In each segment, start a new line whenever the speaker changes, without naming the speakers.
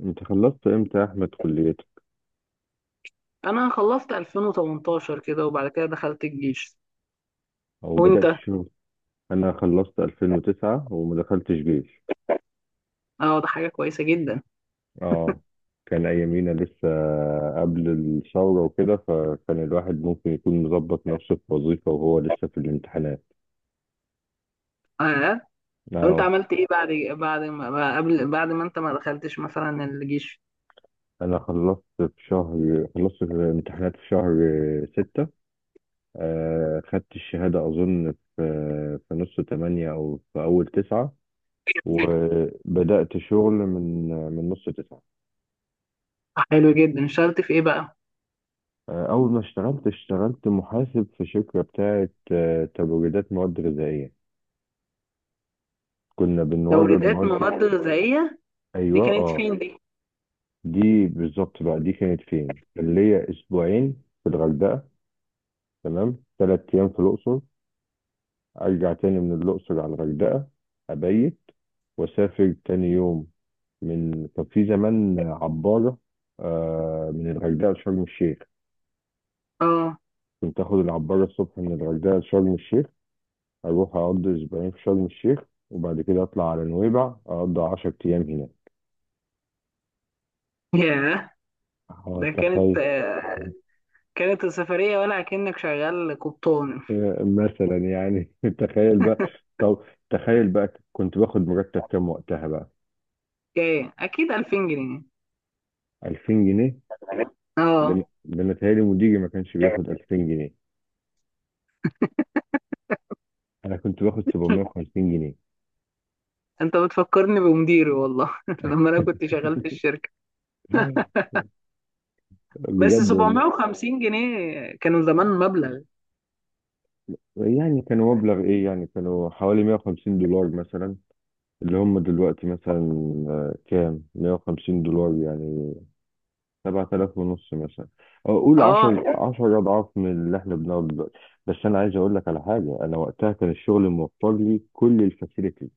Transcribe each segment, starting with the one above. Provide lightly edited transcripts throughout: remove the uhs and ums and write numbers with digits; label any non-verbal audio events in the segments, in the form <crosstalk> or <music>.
انت خلصت امتى يا احمد، كليتك
انا خلصت 2018 كده وبعد كده دخلت الجيش.
او بدأت
وانت؟
الشغل؟ انا خلصت 2009 وما دخلتش جيش.
اه، ده حاجه كويسه جدا.
اه، كان ايامينا لسه قبل الثورة وكده، فكان الواحد ممكن يكون مظبط نفسه في وظيفة وهو لسه في الامتحانات.
اه، طب انت
اه.
عملت ايه بعد بعد ما قبل بعد ما انت ما دخلتش مثلا الجيش؟
انا خلصت في الامتحانات في شهر ستة. خدت الشهادة اظن في نص تمانية او في اول تسعة. وبدأت شغل من نص تسعة.
حلو جدا، اشتغلت في ايه بقى؟
أول ما اشتغلت، اشتغلت محاسب في شركة بتاعة تبريدات مواد غذائية. كنا بنورد
توريدات
مواد.
مواد غذائيه، دي
أيوة،
كانت
اه.
فين دي؟
دي بالظبط بقى، دي كانت فين؟ كان ليا أسبوعين في الغردقة، تمام، تلات أيام في الأقصر، أرجع تاني من الأقصر على الغردقة، أبيت، وأسافر تاني يوم. كان في زمان عبارة، من الغردقة لشرم الشيخ.
اه،
كنت آخد العبارة الصبح من الغردقة لشرم الشيخ، هروح أقضي أسبوعين في شرم الشيخ، وبعد كده أطلع على نويبع أقضي 10 أيام هناك.
ياه. ده كانت
تخيل.
آه، كانت السفريه ولا كأنك شغال قبطان؟
<laughs> مثلا يعني <laughs> تخيل بقى. طب، تخيل بقى كنت باخد مرتب كام وقتها بقى؟
ايه اكيد 2000 جنيه.
2000 جنيه؟ ده أنا
اه،
ده أنا متهيألي مديري ما كانش بياخد 2000 جنيه. أنا كنت باخد 750 جنيه.
انت بتفكرني بمديري والله <laughs> لما انا كنت شغال في الشركه.
<laughs>
بس
بجد والله.
750 جنيه كانوا زمان مبلغ.
يعني كانوا مبلغ إيه؟ يعني كانوا حوالي 150 دولار مثلا. اللي هم دلوقتي مثلا، كام 150 دولار يعني؟ 7000 ونص مثلا. أو قول 10
اه
10 اضعاف من اللي احنا بناخده دلوقتي. بس انا عايز اقول لك على حاجه، انا وقتها كان الشغل موفر لي كل الفاسيلتي.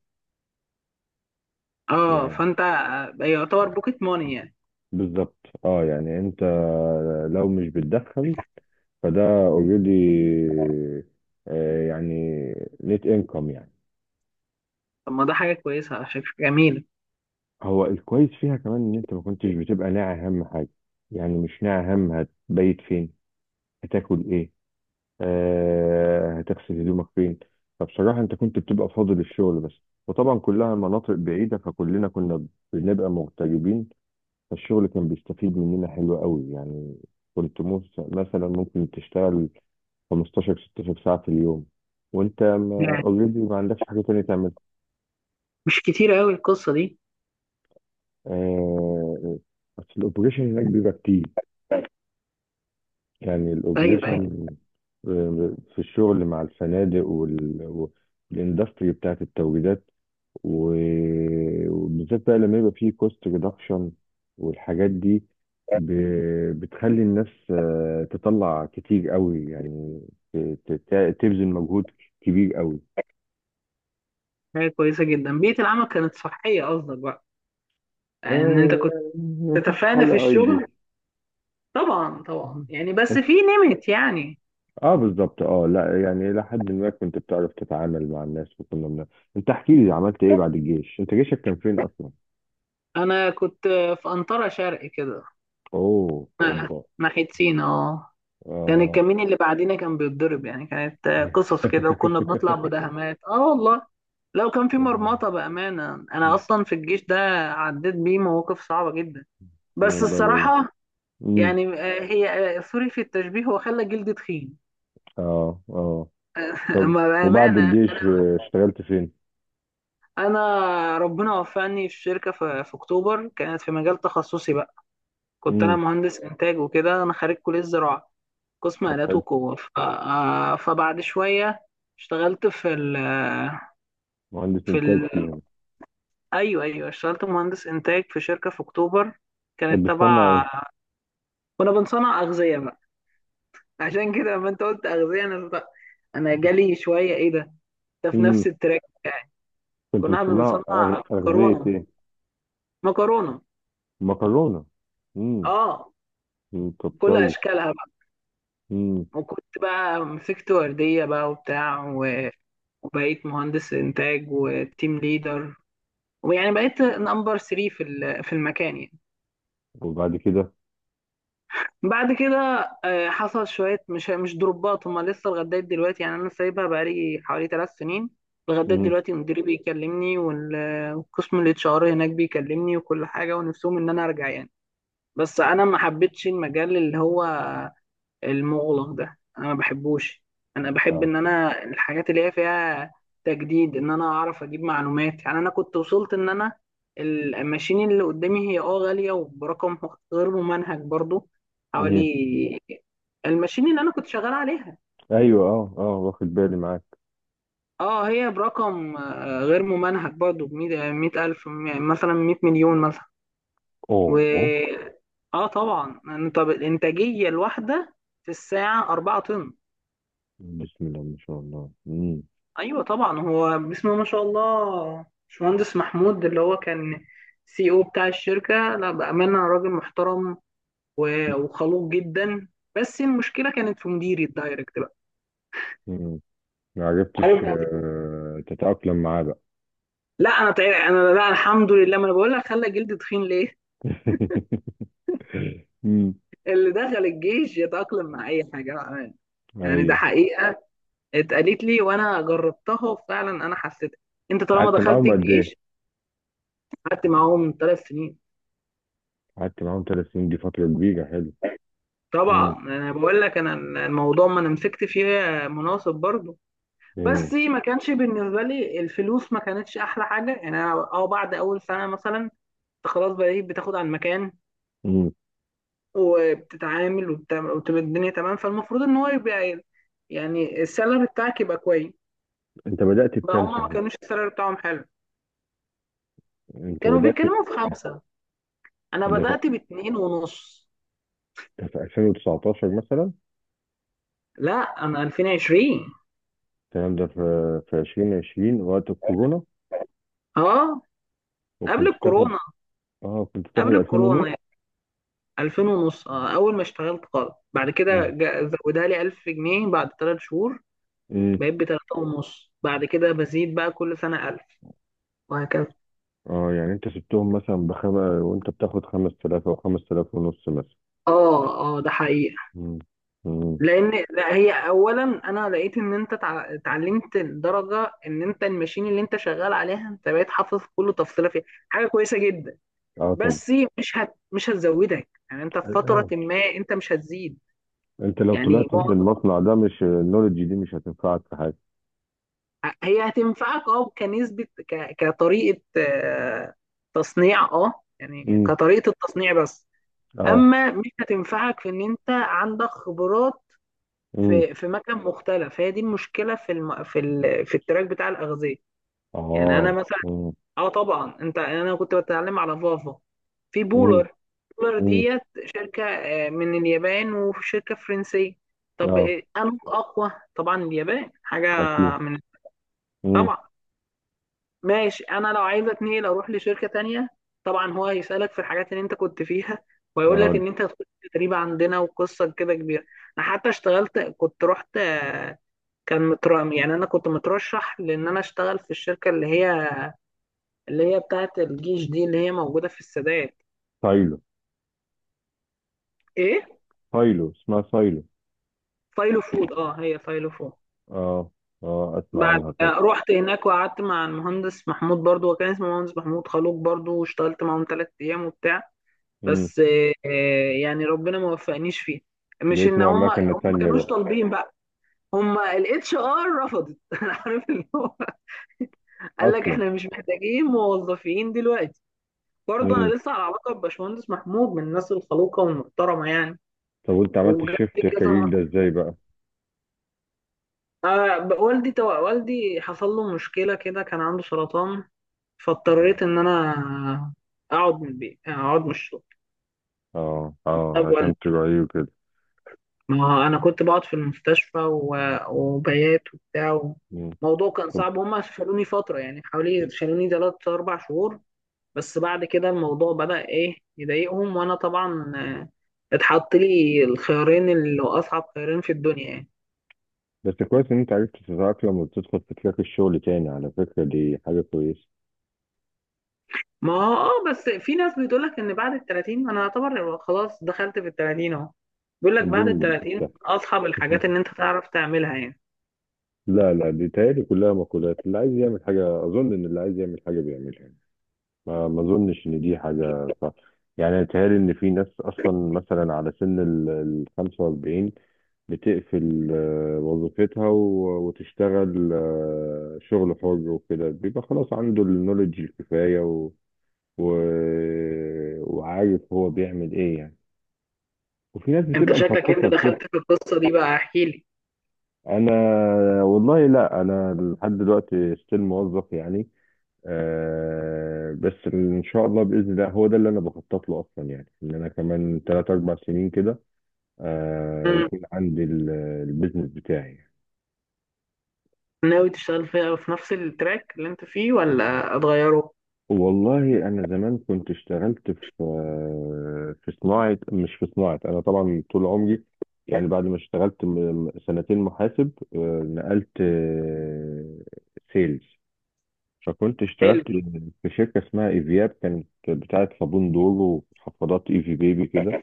اه،
يعني
فانت يعتبر بوكيت ماني يعني.
بالظبط. اه يعني انت لو مش بتدخل، فده اوريدي، يعني نت انكم يعني.
طب ما ده حاجه كويسه على فكره، جميله.
هو الكويس فيها كمان ان انت ما كنتش بتبقى ناعي اهم حاجه، يعني مش ناعي اهم هتبيت فين، هتاكل ايه، هتغسل هدومك فين. فبصراحة انت كنت بتبقى فاضي للشغل بس. وطبعا كلها مناطق بعيدة فكلنا كنا بنبقى مغتربين. فالشغل كان بيستفيد مننا حلو قوي يعني. مثلا ممكن تشتغل 15 16 ساعة في اليوم، وانت
يعني
اوريدي ما already ما عندكش حاجة تانية تعملها.
مش كتير قوي القصه دي؟
آه، بس الاوبريشن هناك بيبقى كتير، يعني
ايوه ايوه،
الاوبريشن في الشغل مع الفنادق والاندستري بتاعت التوريدات، وبالذات بقى لما يبقى فيه كوست ريدكشن والحاجات دي، ب... بتخلي الناس تطلع كتير قوي، يعني تبذل مجهود كبير قوي.
حاجه كويسه جدا، بيئه العمل كانت صحيه قصدك بقى، يعني ان انت
آه
كنت
يعني مفيش
تتفانى في
حاجة
الشغل.
ايدي.
طبعا طبعا، يعني بس
<laughs>
في نمت يعني.
اه بالظبط. اه، لا، يعني الى حد ما كنت بتعرف تتعامل مع الناس، انت احكي لي، عملت ايه بعد الجيش؟ انت جيشك كان فين اصلا؟
انا كنت في انطره شرق كده،
اوه، اوبا.
ناحيه سينا. اه، كان
اه.
الكمين اللي بعدينا كان بيتضرب، يعني كانت قصص كده، وكنا بنطلع
<laughs>
مداهمات، اه والله. لو كان في مرمطة بأمانة، أنا أصلا في الجيش ده عديت بيه مواقف صعبة جدا، بس
الله.
الصراحة
امم.
يعني آه، هي آه، سوري في التشبيه، هو خلى جلدي تخين.
اه، اه.
<laughs>
طب
أما
وبعد
بأمانة.
الجيش
أنا
اشتغلت فين؟
أنا ربنا وفقني في شركة في أكتوبر، كانت في مجال تخصصي بقى. كنت أنا
امم.
مهندس إنتاج وكده، أنا خريج كلية زراعة قسم
طب
آلات
حلو.
وقوة. فبعد شوية اشتغلت في
مهندس
في
انتاج
ال...
فيها.
ايوه ايوه، اشتغلت مهندس انتاج في شركه في اكتوبر،
كانت
كانت
بتصنع ايه؟
تبع. كنا بنصنع اغذيه بقى. <laughs> عشان كده لما انت قلت اغذيه انا بقى انا جالي شويه ايه ده في
امم.
نفس التراك يعني.
كنت
كنا احنا
بتصنع
بنصنع
اغذية
مكرونه،
ايه؟
مكرونه
مكرونة. امم.
اه،
أمم، طب
كل
كويس.
اشكالها بقى.
امم.
وكنت بقى مسكت ورديه بقى وبتاع، وبقيت مهندس انتاج وتيم ليدر، ويعني بقيت نمبر 3 في في المكان يعني.
وبعد كده؟
بعد كده حصل شوية مش دروبات، هما لسه لغاية دلوقتي يعني، أنا سايبها بقالي حوالي 3 سنين. لغاية
امم.
دلوقتي مديري بيكلمني والقسم الاتش ار هناك بيكلمني وكل حاجة، ونفسهم إن أنا أرجع يعني. بس أنا ما حبيتش المجال اللي هو المغلق ده، انا ما بحبوش. انا بحب
اه.
ان انا الحاجات اللي هي فيها تجديد، ان انا اعرف اجيب معلومات. يعني انا كنت وصلت ان انا الماشين اللي قدامي هي اه غالية، وبرقم غير ممنهج برضو،
امم.
حوالي الماشين اللي انا كنت شغال عليها
ايوه، اه، اه، واخد بالي معاك.
اه هي برقم غير ممنهج برضو بمية ألف، مثلا مية مليون مثلا.
اوه.
و اه طبعا انت الانتاجية الواحدة في الساعة 4 طن.
بسم الله ما شاء الله. امم.
ايوه طبعا، هو اسمه ما شاء الله باشمهندس محمود، اللي هو كان سي او بتاع الشركه، لا بامانه راجل محترم وخلوق جدا. بس المشكله كانت في مديري الدايركت بقى،
أمم. ما
عارف
عرفتش
بقى؟
تتأقلم معاه بقى.
لا انا طيب، انا لا الحمد لله، ما انا بقول لك خلى جلدي تخين ليه.
<laughs> امم.
<laughs> اللي دخل الجيش يتاقلم مع اي حاجه بأمانة. يعني ده
ايوه.
حقيقه، اتقالت لي وانا جربتها وفعلا انا حسيت، انت طالما
قعدت
دخلت
معاهم قد ايه؟
الجيش. قعدت معاهم 3 سنين.
قعدت معاهم ثلاث سنين؟ دي فترة كبيرة، حلو. مم.
طبعا انا بقول لك انا الموضوع، ما انا مسكت فيه مناصب برضو،
مم.
بس ما كانش بالنسبه لي الفلوس ما كانتش احلى حاجه يعني. انا اه بعد اول سنه مثلا انت خلاص بقيت بتاخد على المكان،
مم.
وبتتعامل وبتبقى الدنيا تمام. فالمفروض ان هو يبقى، يعني السالري بتاعك يبقى كويس.
انت بدأت
بقى
بكام
هما ما
صحيح؟
كانوش السالري بتاعهم حلو،
انت
كانوا
بدأت
بيتكلموا في خمسه، انا
ب- ده في
بدات باتنين ونص.
ده في 2019 مثلا؟
لا انا 2020.
الكلام ده في 2020 وقت الكورونا؟
اه، قبل
وكنت بتاخد
الكورونا.
اه كنت بتاخد
قبل
2000 ونص.
الكورونا 2000 ونص اه اول ما اشتغلت خالص، بعد كده
مم.
زودها لي 1000 جنيه بعد 3 شهور،
مم.
بقيت ب 3 ونص، بعد كده بزيد بقى كل سنة 1000 وهكذا.
اه يعني انت سبتهم مثلا بخمسة وانت بتاخد 5000 او 5000 ونص مثلا.
اه اه، ده حقيقة.
مم. مم.
لان لا هي اولا انا لقيت ان انت اتعلمت، لدرجة ان انت الماشين اللي انت شغال عليها انت بقيت حافظ كل تفصيلة فيها، حاجة كويسة جدا.
اه طبعا.
بس مش هتزودك، يعني انت في فترة
اه.
ما انت مش هتزيد.
انت لو
يعني
طلعت من المصنع ده، مش النولج دي مش هتنفعك في حاجة.
هي هتنفعك اه كنسبة، كطريقة تصنيع، اه يعني
مم.
كطريقة التصنيع بس.
اه.
اما مش هتنفعك في ان انت عندك خبرات
مم.
في مكان مختلف، هي دي المشكلة في التراك بتاع الأغذية. يعني انا
اه.
مثلا
مم.
اه طبعا انت انا كنت بتعلم على فافا في
امم.
بولر. بولر
امم،
ديت شركة من اليابان، وشركة فرنسية. طب
اه،
انه اقوى طبعا، اليابان حاجة
اكيد.
من
امم.
طبعا. ماشي، انا لو عايز اتنقل اروح لشركه تانية، طبعا هو هيسالك في الحاجات اللي انت كنت فيها، ويقول لك
اه.
ان انت هتخش تدريب عندنا، وقصه كده كبيره. انا حتى اشتغلت كنت رحت كان مترام، يعني انا كنت مترشح لان انا اشتغل في الشركه اللي هي بتاعه الجيش دي، اللي هي موجوده في السادات.
سايلو.
ايه
سايلو، اسمها سايلو.
فايلو فود، اه هي فايلو فود.
اه، اه، اسمع
بعد
عنها. طب.
رحت هناك وقعدت مع المهندس محمود برضو، وكان اسمه مهندس محمود، خلوق برضو، واشتغلت معاهم 3 ايام وبتاع.
امم.
بس يعني ربنا ما وفقنيش فيه، مش
لقيت
ان
نوع
هم
مكنة
هم ما
تانية
كانوش
بقى؟
طالبين بقى، هم الاتش ار رفضت. <laughs> انا عارف اللي هو <laughs> قال لك
اصلا.
احنا مش محتاجين موظفين دلوقتي. برضه
امم.
انا لسه على علاقه بباشمهندس محمود، من الناس الخلوقه والمحترمه يعني.
طب وانت عملت
وجاب لي
الشيفت
كذا
كارير
مره.
ده ازاي بقى؟
آه، والدي حصل له مشكله كده، كان عنده سرطان.
مم.
فاضطريت ان انا اقعد من البيت، اقعد من الشغل.
اه، اه،
طب
عشان تراعيه كده.
ما هو انا كنت بقعد في المستشفى، وبيات وبتاع،
مم.
الموضوع كان
طب.
صعب. هما شالوني فتره، يعني حوالي شالوني 3 4 شهور، بس بعد كده الموضوع بدأ ايه يضايقهم، وانا طبعا اتحط لي الخيارين اللي هو اصعب خيارين في الدنيا يعني.
بس كويس ان انت عرفت تتأقلم وتدخل في تراك الشغل تاني، على فكرة دي حاجة كويسة.
ما هو اه، بس في ناس بتقول لك ان بعد ال 30، انا اعتبر خلاص دخلت في ال 30 اهو، بيقول لك بعد ال
الدنيا مش
30
سهلة.
اصعب الحاجات
<laughs>
ان انت تعرف تعملها يعني.
لا، لا، دي تهيألي كلها مقولات. اللي عايز يعمل حاجة، أظن إن اللي عايز يعمل حاجة بيعملها. ما اظنش ان دي حاجه صح. يعني بيتهيألي ان في ناس اصلا مثلا على سن ال 45، بتقفل وظيفتها، وتشتغل شغل حر وكده، بيبقى خلاص عنده النولج الكفاية و... وعارف هو بيعمل ايه يعني. وفي ناس
انت
بتبقى
شكلك انت
مخططة لكده.
دخلت في القصه دي بقى، احكي
انا والله، لا، انا لحد دلوقتي ستيل موظف يعني. آه بس ان شاء الله، باذن الله، هو ده اللي انا بخطط له اصلا، يعني ان انا كمان 3 4 سنين كده
لي،
يكون عندي البيزنس بتاعي.
ناوي تشتغل فيها في نفس التراك اللي انت فيه ولا اتغيره؟
والله انا زمان كنت اشتغلت في في صناعه، مش في صناعه انا طبعا طول عمري، يعني بعد ما اشتغلت سنتين محاسب، نقلت سيلز. فكنت اشتغلت
حلو.
في شركه اسمها ايفياب، كانت بتاعه صابون دور وحفاضات ايفي بيبي كده.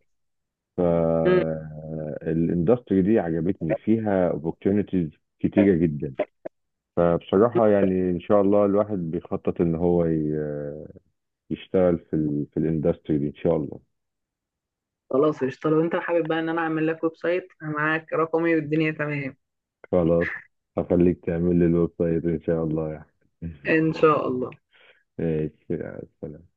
مم.
فالاندستري دي عجبتني فيها opportunities كتيرة جدا. فبصراحة يعني إن شاء الله الواحد بيخطط إن هو يشتغل في الاندستري دي إن شاء الله.
خلاص قشطة، لو انت حابب بقى ان انا اعمل لك ويب سايت، انا معاك رقمي والدنيا تمام.
خلاص، هخليك تعمل لي الويب سايت إن شاء الله يعني. <laughs>
ان شاء الله.
ماشي، يا سلام.